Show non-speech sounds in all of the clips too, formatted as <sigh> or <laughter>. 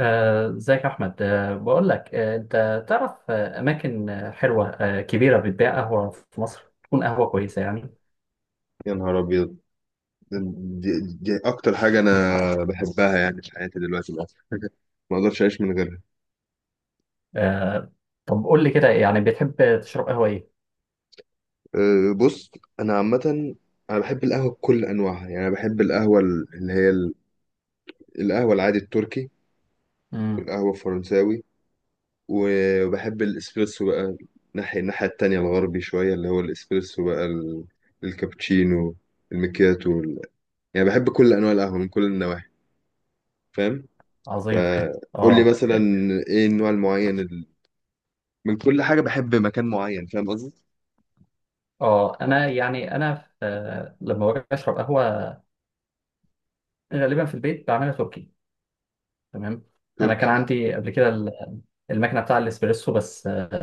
ازيك يا احمد، بقول لك، انت تعرف اماكن حلوه كبيره بتبيع قهوه في مصر تكون قهوه كويسه يعني. يا نهار ابيض. دي اكتر حاجه انا بحبها يعني في حياتي دلوقتي بقى. <laughs> ما اقدرش اعيش من غيرها. آه، طب قول لي كده، يعني بتحب تشرب قهوه ايه؟ بص، انا عامه انا بحب القهوه بكل انواعها، يعني انا بحب القهوه القهوه العادي التركي امم. والقهوه الفرنساوي، وبحب الاسبريسو بقى ناحية الناحيه التانية الغربي شويه، اللي هو الاسبريسو بقى الكابتشينو، المكياتو. يعني بحب كل انواع القهوه من كل النواحي، فاهم؟ عظيم. فقول لي اه، مثلا ايه النوع المعين، من كل حاجة بحب مكان معين، فاهم قصدي؟ اه. انا، يعني انا في لما باجي اشرب قهوه غالبا في البيت بعملها تركي. تمام. انا كان تركي. عندي قبل كده المكنه بتاع الاسبريسو، بس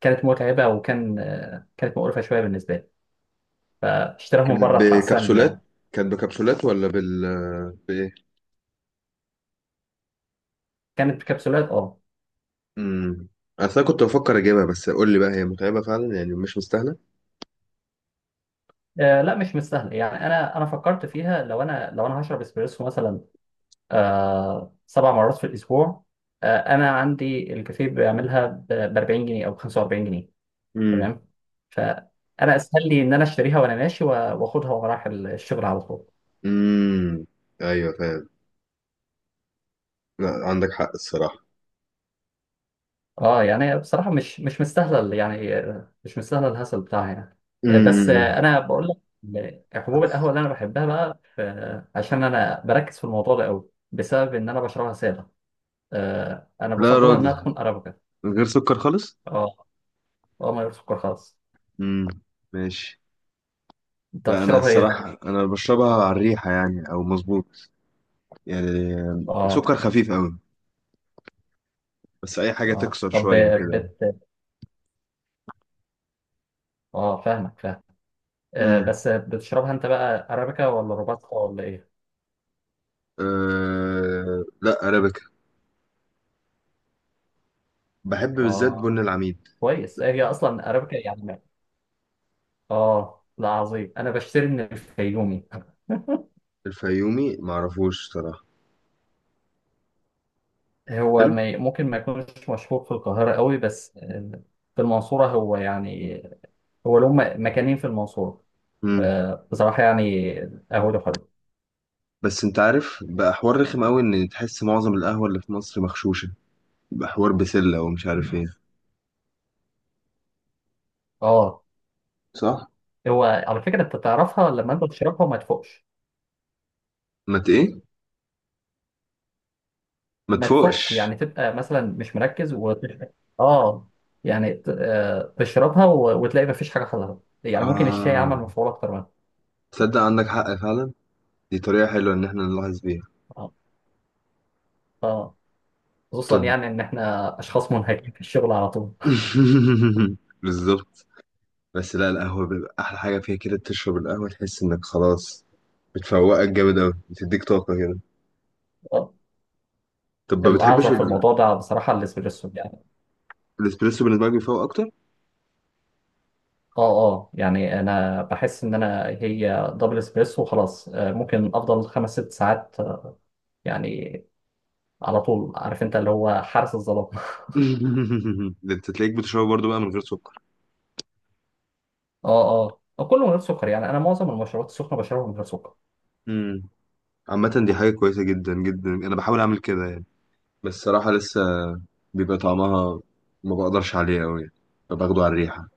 كانت متعبه، وكان آه، كانت مقرفه شويه بالنسبه لي، فاشتراها من كانت بره احسن لي بكبسولات؟ يعني. كانت بكبسولات ولا بال، بإيه؟ كانت بكبسولات، اه. امم. أصل أنا كنت بفكر أجيبها، بس قول لي بقى هي متعبة فعلا يعني مش مستاهلة؟ لا، مش مستاهله، يعني انا فكرت فيها، لو انا هشرب اسبريسو مثلا 7 مرات في الاسبوع. انا عندي الكافيه بيعملها ب 40 جنيه او ب 45 جنيه. امم. تمام. فانا اسهل لي ان انا اشتريها وانا ماشي واخدها وانا رايح الشغل على طول. امم. أيوه فاهم. لا عندك حق الصراحة. اه، يعني بصراحه مش مستاهله، مش مستاهله الهسل بتاعها يعني. بس امم. انا بقول لك، حبوب القهوه اللي انا بحبها بقى عشان انا بركز في الموضوع ده قوي بسبب ان انا بشربها ساده. انا لا يا بفضلها انها راجل، تكون ارابيكا. من غير سكر خالص؟ اه. اه، ما سكر خالص. امم. ماشي. انت لا أنا بتشربها ايه؟ الصراحة أنا بشربها على الريحة يعني، أو مظبوط يعني، اه، سكر خفيف أوي، بس أي حاجة اه. تكسر طب، شوية بت اه فاهمك، فاهم. كده. بس بتشربها انت بقى ارابيكا ولا روباستا ولا ايه؟ لا أرابيكا، بحب بالذات اه، بن اه العميد. كويس، هي اصلا ارابيكا يعني. اه، لا، عظيم. انا بشتري من الفيومي <laughs> الفيومي معرفوش صراحة. هو حلو. ما ي- ممكن ما يكونش مشهور في القاهرة قوي، بس في المنصورة هو، يعني هو له مكانين في المنصورة. مم. بصراحة يعني قهوته حلو. بس انت عارف بقى، حوار رخم قوي ان تحس معظم القهوة اللي في مصر مغشوشة، بقى حوار بسلة ومش عارف ايه. اه. صح. هو على فكرة انت تعرفها لما انت تشربها وما تفوقش. ما ت- ايه، ما ما تفوقش، تفوقش. يعني تبقى مثلا مش مركز وتشرب. اه، يعني تشربها وتلاقي ما فيش حاجة حصلت، يعني ممكن الشاي عمل اه، مفعول اكتر منها. تصدق عندك حق فعلا، دي طريقة حلوة ان احنا نلاحظ بيها. اه. اه. خصوصا طب يعني ان احنا اشخاص منهكين في الشغل على طول. <laughs> بالظبط. بس لا، القهوة بيبقى احلى حاجة فيها كده، تشرب القهوة تحس انك خلاص بتفوقك جامد قوي، بتديك طاقة كده. اه. طب ما بتحبش الاعظم في يعني الموضوع ده بصراحة الاسبريسو يعني. الاسبريسو بالنسبه لك بيفوق اكتر؟ <laughs> اه. اه، يعني انا بحس ان انا، هي دبل اسبريسو خلاص، ممكن افضل خمس ست ساعات، يعني على طول، عارف انت، اللي هو حارس الظلام. ده انت تلاقيك بتشربه برضه بقى من غير سكر. اه. اه، كله من غير سكر، يعني انا معظم المشروبات السخنه بشربها من غير سكر. امم. عامه دي حاجه كويسه جدا جدا، انا بحاول اعمل كده يعني، بس صراحه لسه بيبقى طعمها ما بقدرش عليه قوي يعني، فباخده على الريحه.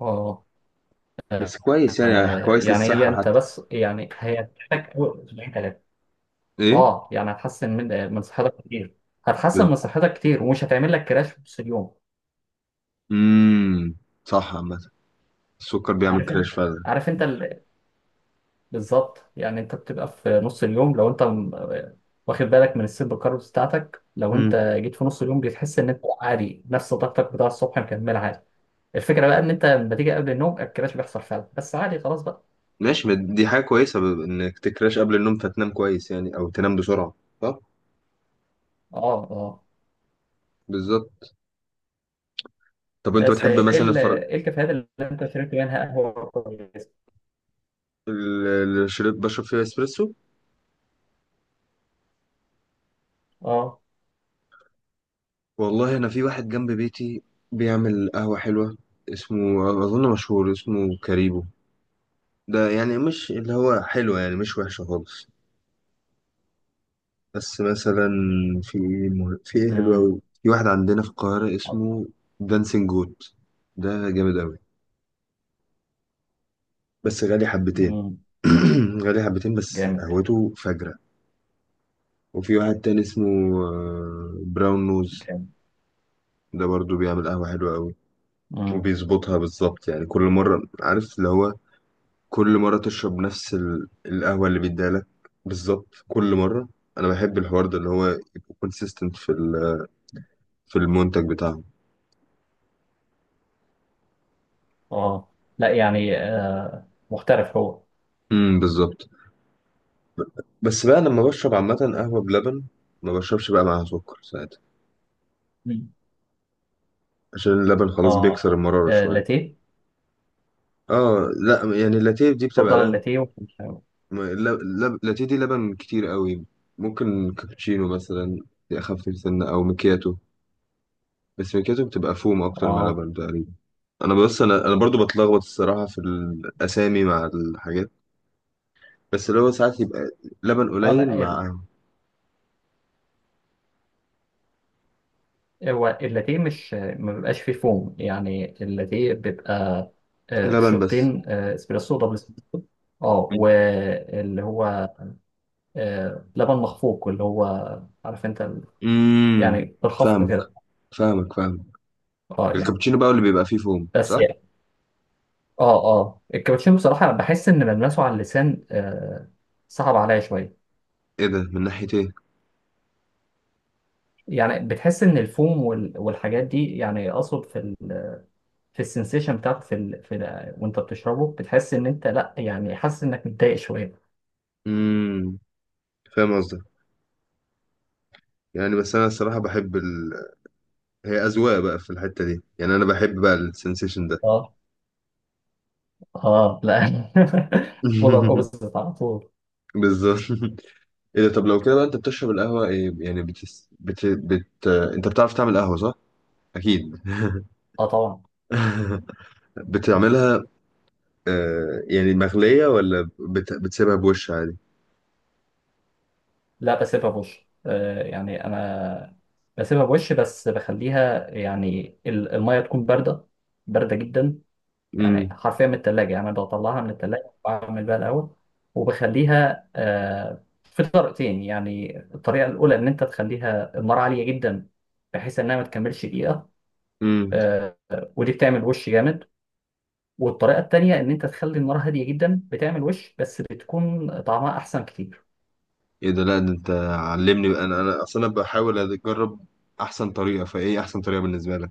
اه. بس كويس يعني، كويس يعني هي للصحه انت حتى. بس، يعني هي تحتاج أول اسبوعين ثلاثه. ايه. اه، يعني هتحسن من صحتك كتير، هتحسن من صحتك كتير ومش هتعمل لك كراش في نص اليوم. امم. صح. عامه السكر بيعمل عارف انت كراش فعلا. عارف انت بالظبط، يعني انت بتبقى في نص اليوم لو انت واخد بالك من السيرب كاربس بتاعتك، لو انت امم. جيت في نص اليوم بتحس ان انت عادي، نفس طاقتك بتاع الصبح مكمل عادي. الفكره بقى ان انت لما تيجي قبل النوم الكراش بيحصل فعلا، بس عادي خلاص بقى. ماشي، ما دي حاجه كويسه ب- انك تكراش قبل النوم فتنام كويس يعني، او تنام بسرعه. صح. اه، اه. بالظبط. طب انت بس بتحب مثلا الفراولة؟ إيه الكافيهات اللي انت شربت منها قهوة كويسة؟ الشريط بشرب فيه اسبريسو. اه. والله انا في واحد جنب بيتي بيعمل قهوة حلوة، اسمه اظن مشهور، اسمه كاريبو، ده يعني مش اللي هو حلوة، يعني مش وحشة خالص. بس مثلا في ايه في ايه حلوة أوي، امم. في واحد عندنا في القاهرة اسمه دانسينج جوت، ده جامد أوي بس غالي حبتين. امم. <clears throat> غالي حبتين بس جامد. قهوته فجرة. وفي واحد تاني اسمه براون نوز، جامد. ده برضو بيعمل قهوة حلوة أوي، امم. وبيظبطها بالظبط يعني كل مرة، عارف اللي هو كل مرة تشرب نفس القهوة اللي بيديها لك، بالظبط كل مرة. أنا بحب الحوار ده، اللي هو يبقى كونسيستنت في في المنتج بتاعهم. اه، لا يعني محترف هو. امم، بالظبط. بس بقى لما بشرب عامة قهوة بلبن، ما بشربش بقى معاها سكر ساعتها، مم. عشان اللبن اه، خلاص بيكسر المرارة شوية. لاتيه. اه لا، يعني اللاتيه دي بتبقى اتفضل، لبن، اللاتيه اللاتيه دي لبن كتير قوي. ممكن كابتشينو مثلا، دي أخف سنة، أو مكياتو، بس ميكاتو بتبقى فوم اكتر من اه، لبن تقريبا. انا بص، انا برضو بتلخبط الصراحه في الاسامي مع الحاجات، بس اللي هو ساعات يبقى لبن اه، قليل لا، مع هو اللاتيه مش ما بيبقاش فيه فوم، يعني اللاتيه بيبقى لبن بس. شوطين، آه، اسبريسو دبل اسبريسو. اه، واللي هو لبن مخفوق، اللي هو، عارف انت، امم. يعني بالخفق فاهمك كده. فاهمك فاهمك. اه يعني. الكابتشينو بقى اللي بيبقى فيه فوم، بس صح؟ يعني. اه، اه. الكابتشينو بصراحة بحس ان ملمسه على اللسان صعب عليا شوية. ايه ده، من ناحيه ايه؟ يعني بتحس ان الفوم والحاجات دي، يعني اقصد في السنسيشن بتاعته، وانت بتشربه بتحس ان انت، لا يعني حاسس انك متضايق شوية. امم، فاهم قصدك، يعني بس انا الصراحه بحب ال... هي اذواق بقى في الحته دي، يعني انا بحب بقى السنسيشن ده. اه. اه، لا <laughs> بولر <laughs> اوبزيت على طول. بالظبط. ايه ده، طب لو كده بقى انت بتشرب القهوة ايه يعني، بتس... بت... بت... انت بتعرف تعمل قهوة صح؟ اكيد. <laughs> اه طبعا. بتعملها، آه يعني، مغلية ولا بت... بتسيبها بوش عادي؟ لا، بسيبها بوش، يعني انا بسيبها بوش، بس بخليها، يعني المية تكون باردة، باردة جدا. يعني امم. حرفيا من التلاجة، يعني أنا بطلعها من التلاجة وبعمل بيها الأول، وبخليها في طريقتين. يعني الطريقة الأولى إن أنت تخليها النار عالية جدا بحيث إنها ما تكملش دقيقة، امم. آه، ودي بتعمل وش جامد. والطريقة التانية إن أنت تخلي النار هادية جدا بتعمل وش، بس بتكون طعمها أحسن كتير. ايه ده، لا ده انت علمني بقى. انا اصلا بحاول اجرب احسن طريقة، فايه احسن طريقة بالنسبة لك؟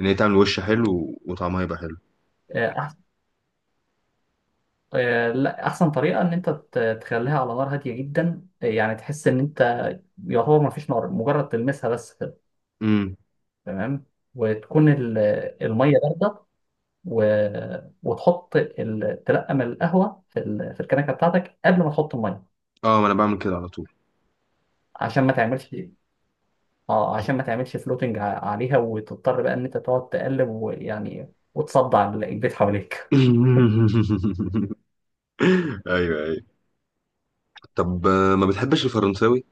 ان هي تعمل وش حلو و- وطعمها يبقى حلو. آه، أح- لا أحسن طريقة إن أنت تخليها على نار هادية جدا، يعني تحس إن أنت يعتبر ما فيش نار، مجرد تلمسها بس كده. امم. تمام. وتكون المية باردة، و... وتحط تلقم القهوه في في الكنكه بتاعتك قبل ما تحط الميه، اه ما انا بعمل كده على طول. عشان ما تعملش اه عشان ما تعملش فلوتنج عليها، وتضطر بقى ان انت تقعد تقلب، ويعني وتصدع البيت حواليك. <laughs> ايوه ايوه. طب ما بتحبش الفرنساوي؟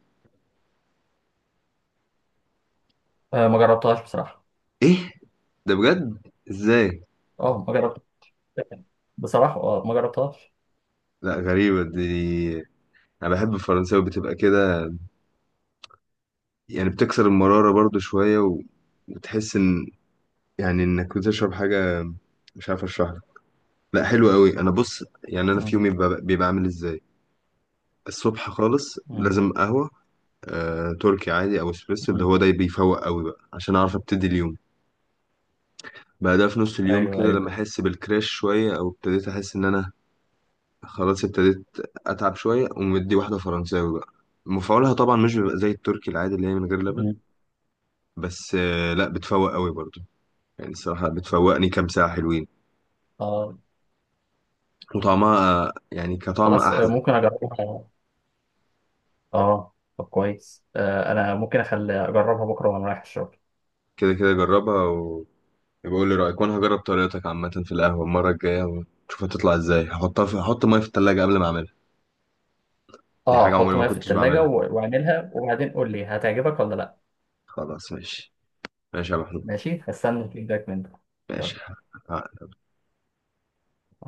ما جربتهاش بصراحه. ايه ده، بجد؟ ازاي؟ اه، ما جربت بصراحه، اه ما جربتهاش. لا غريبة دي، انا بحب الفرنساوي، بتبقى كده يعني، بتكسر المرارة برضو شوية، و... وتحس ان، يعني انك بتشرب حاجة، مش عارف اشرح لك. لا حلو قوي. انا بص يعني، انا في يومي مم. بيبقى بيبقى عامل ازاي، الصبح خالص مم. لازم قهوة، تركي عادي او اسبريسو، اللي مم. هو ده بيفوق قوي بقى عشان اعرف ابتدي اليوم. بعدها في نص اليوم ايوه، كده، لما ايوه. احس بالكراش شوية، او ابتديت احس ان انا خلاص ابتديت اتعب شويه، ومدي واحده فرنساوي بقى، مفعولها طبعا مش بيبقى زي التركي العادي اللي هي من غير لبن، مم. بس لا بتفوق قوي برضو، يعني الصراحه بتفوقني كام ساعه حلوين، اه. وطعمها يعني كطعم خلاص، احلى. ممكن اجربها. اه، طب كويس، انا ممكن اخلي اجربها بكره وانا رايح الشغل. كده كده جربها، وبقول لي رايك، وانا هجرب طريقتك عامه في القهوه المره الجايه، ونشوف هتطلع ازاي، هحطها في هحط ميه في التلاجة قبل ما اعملها. دي حاجه اه، عمري حطه ما معايا في كنتش التلاجة بعملها. واعملها وبعدين قول لي هتعجبك ولا لا. خلاص ماشي. ماشي يا محمود. ماشي، هستنى الفيدباك منك. يلا. ماشي.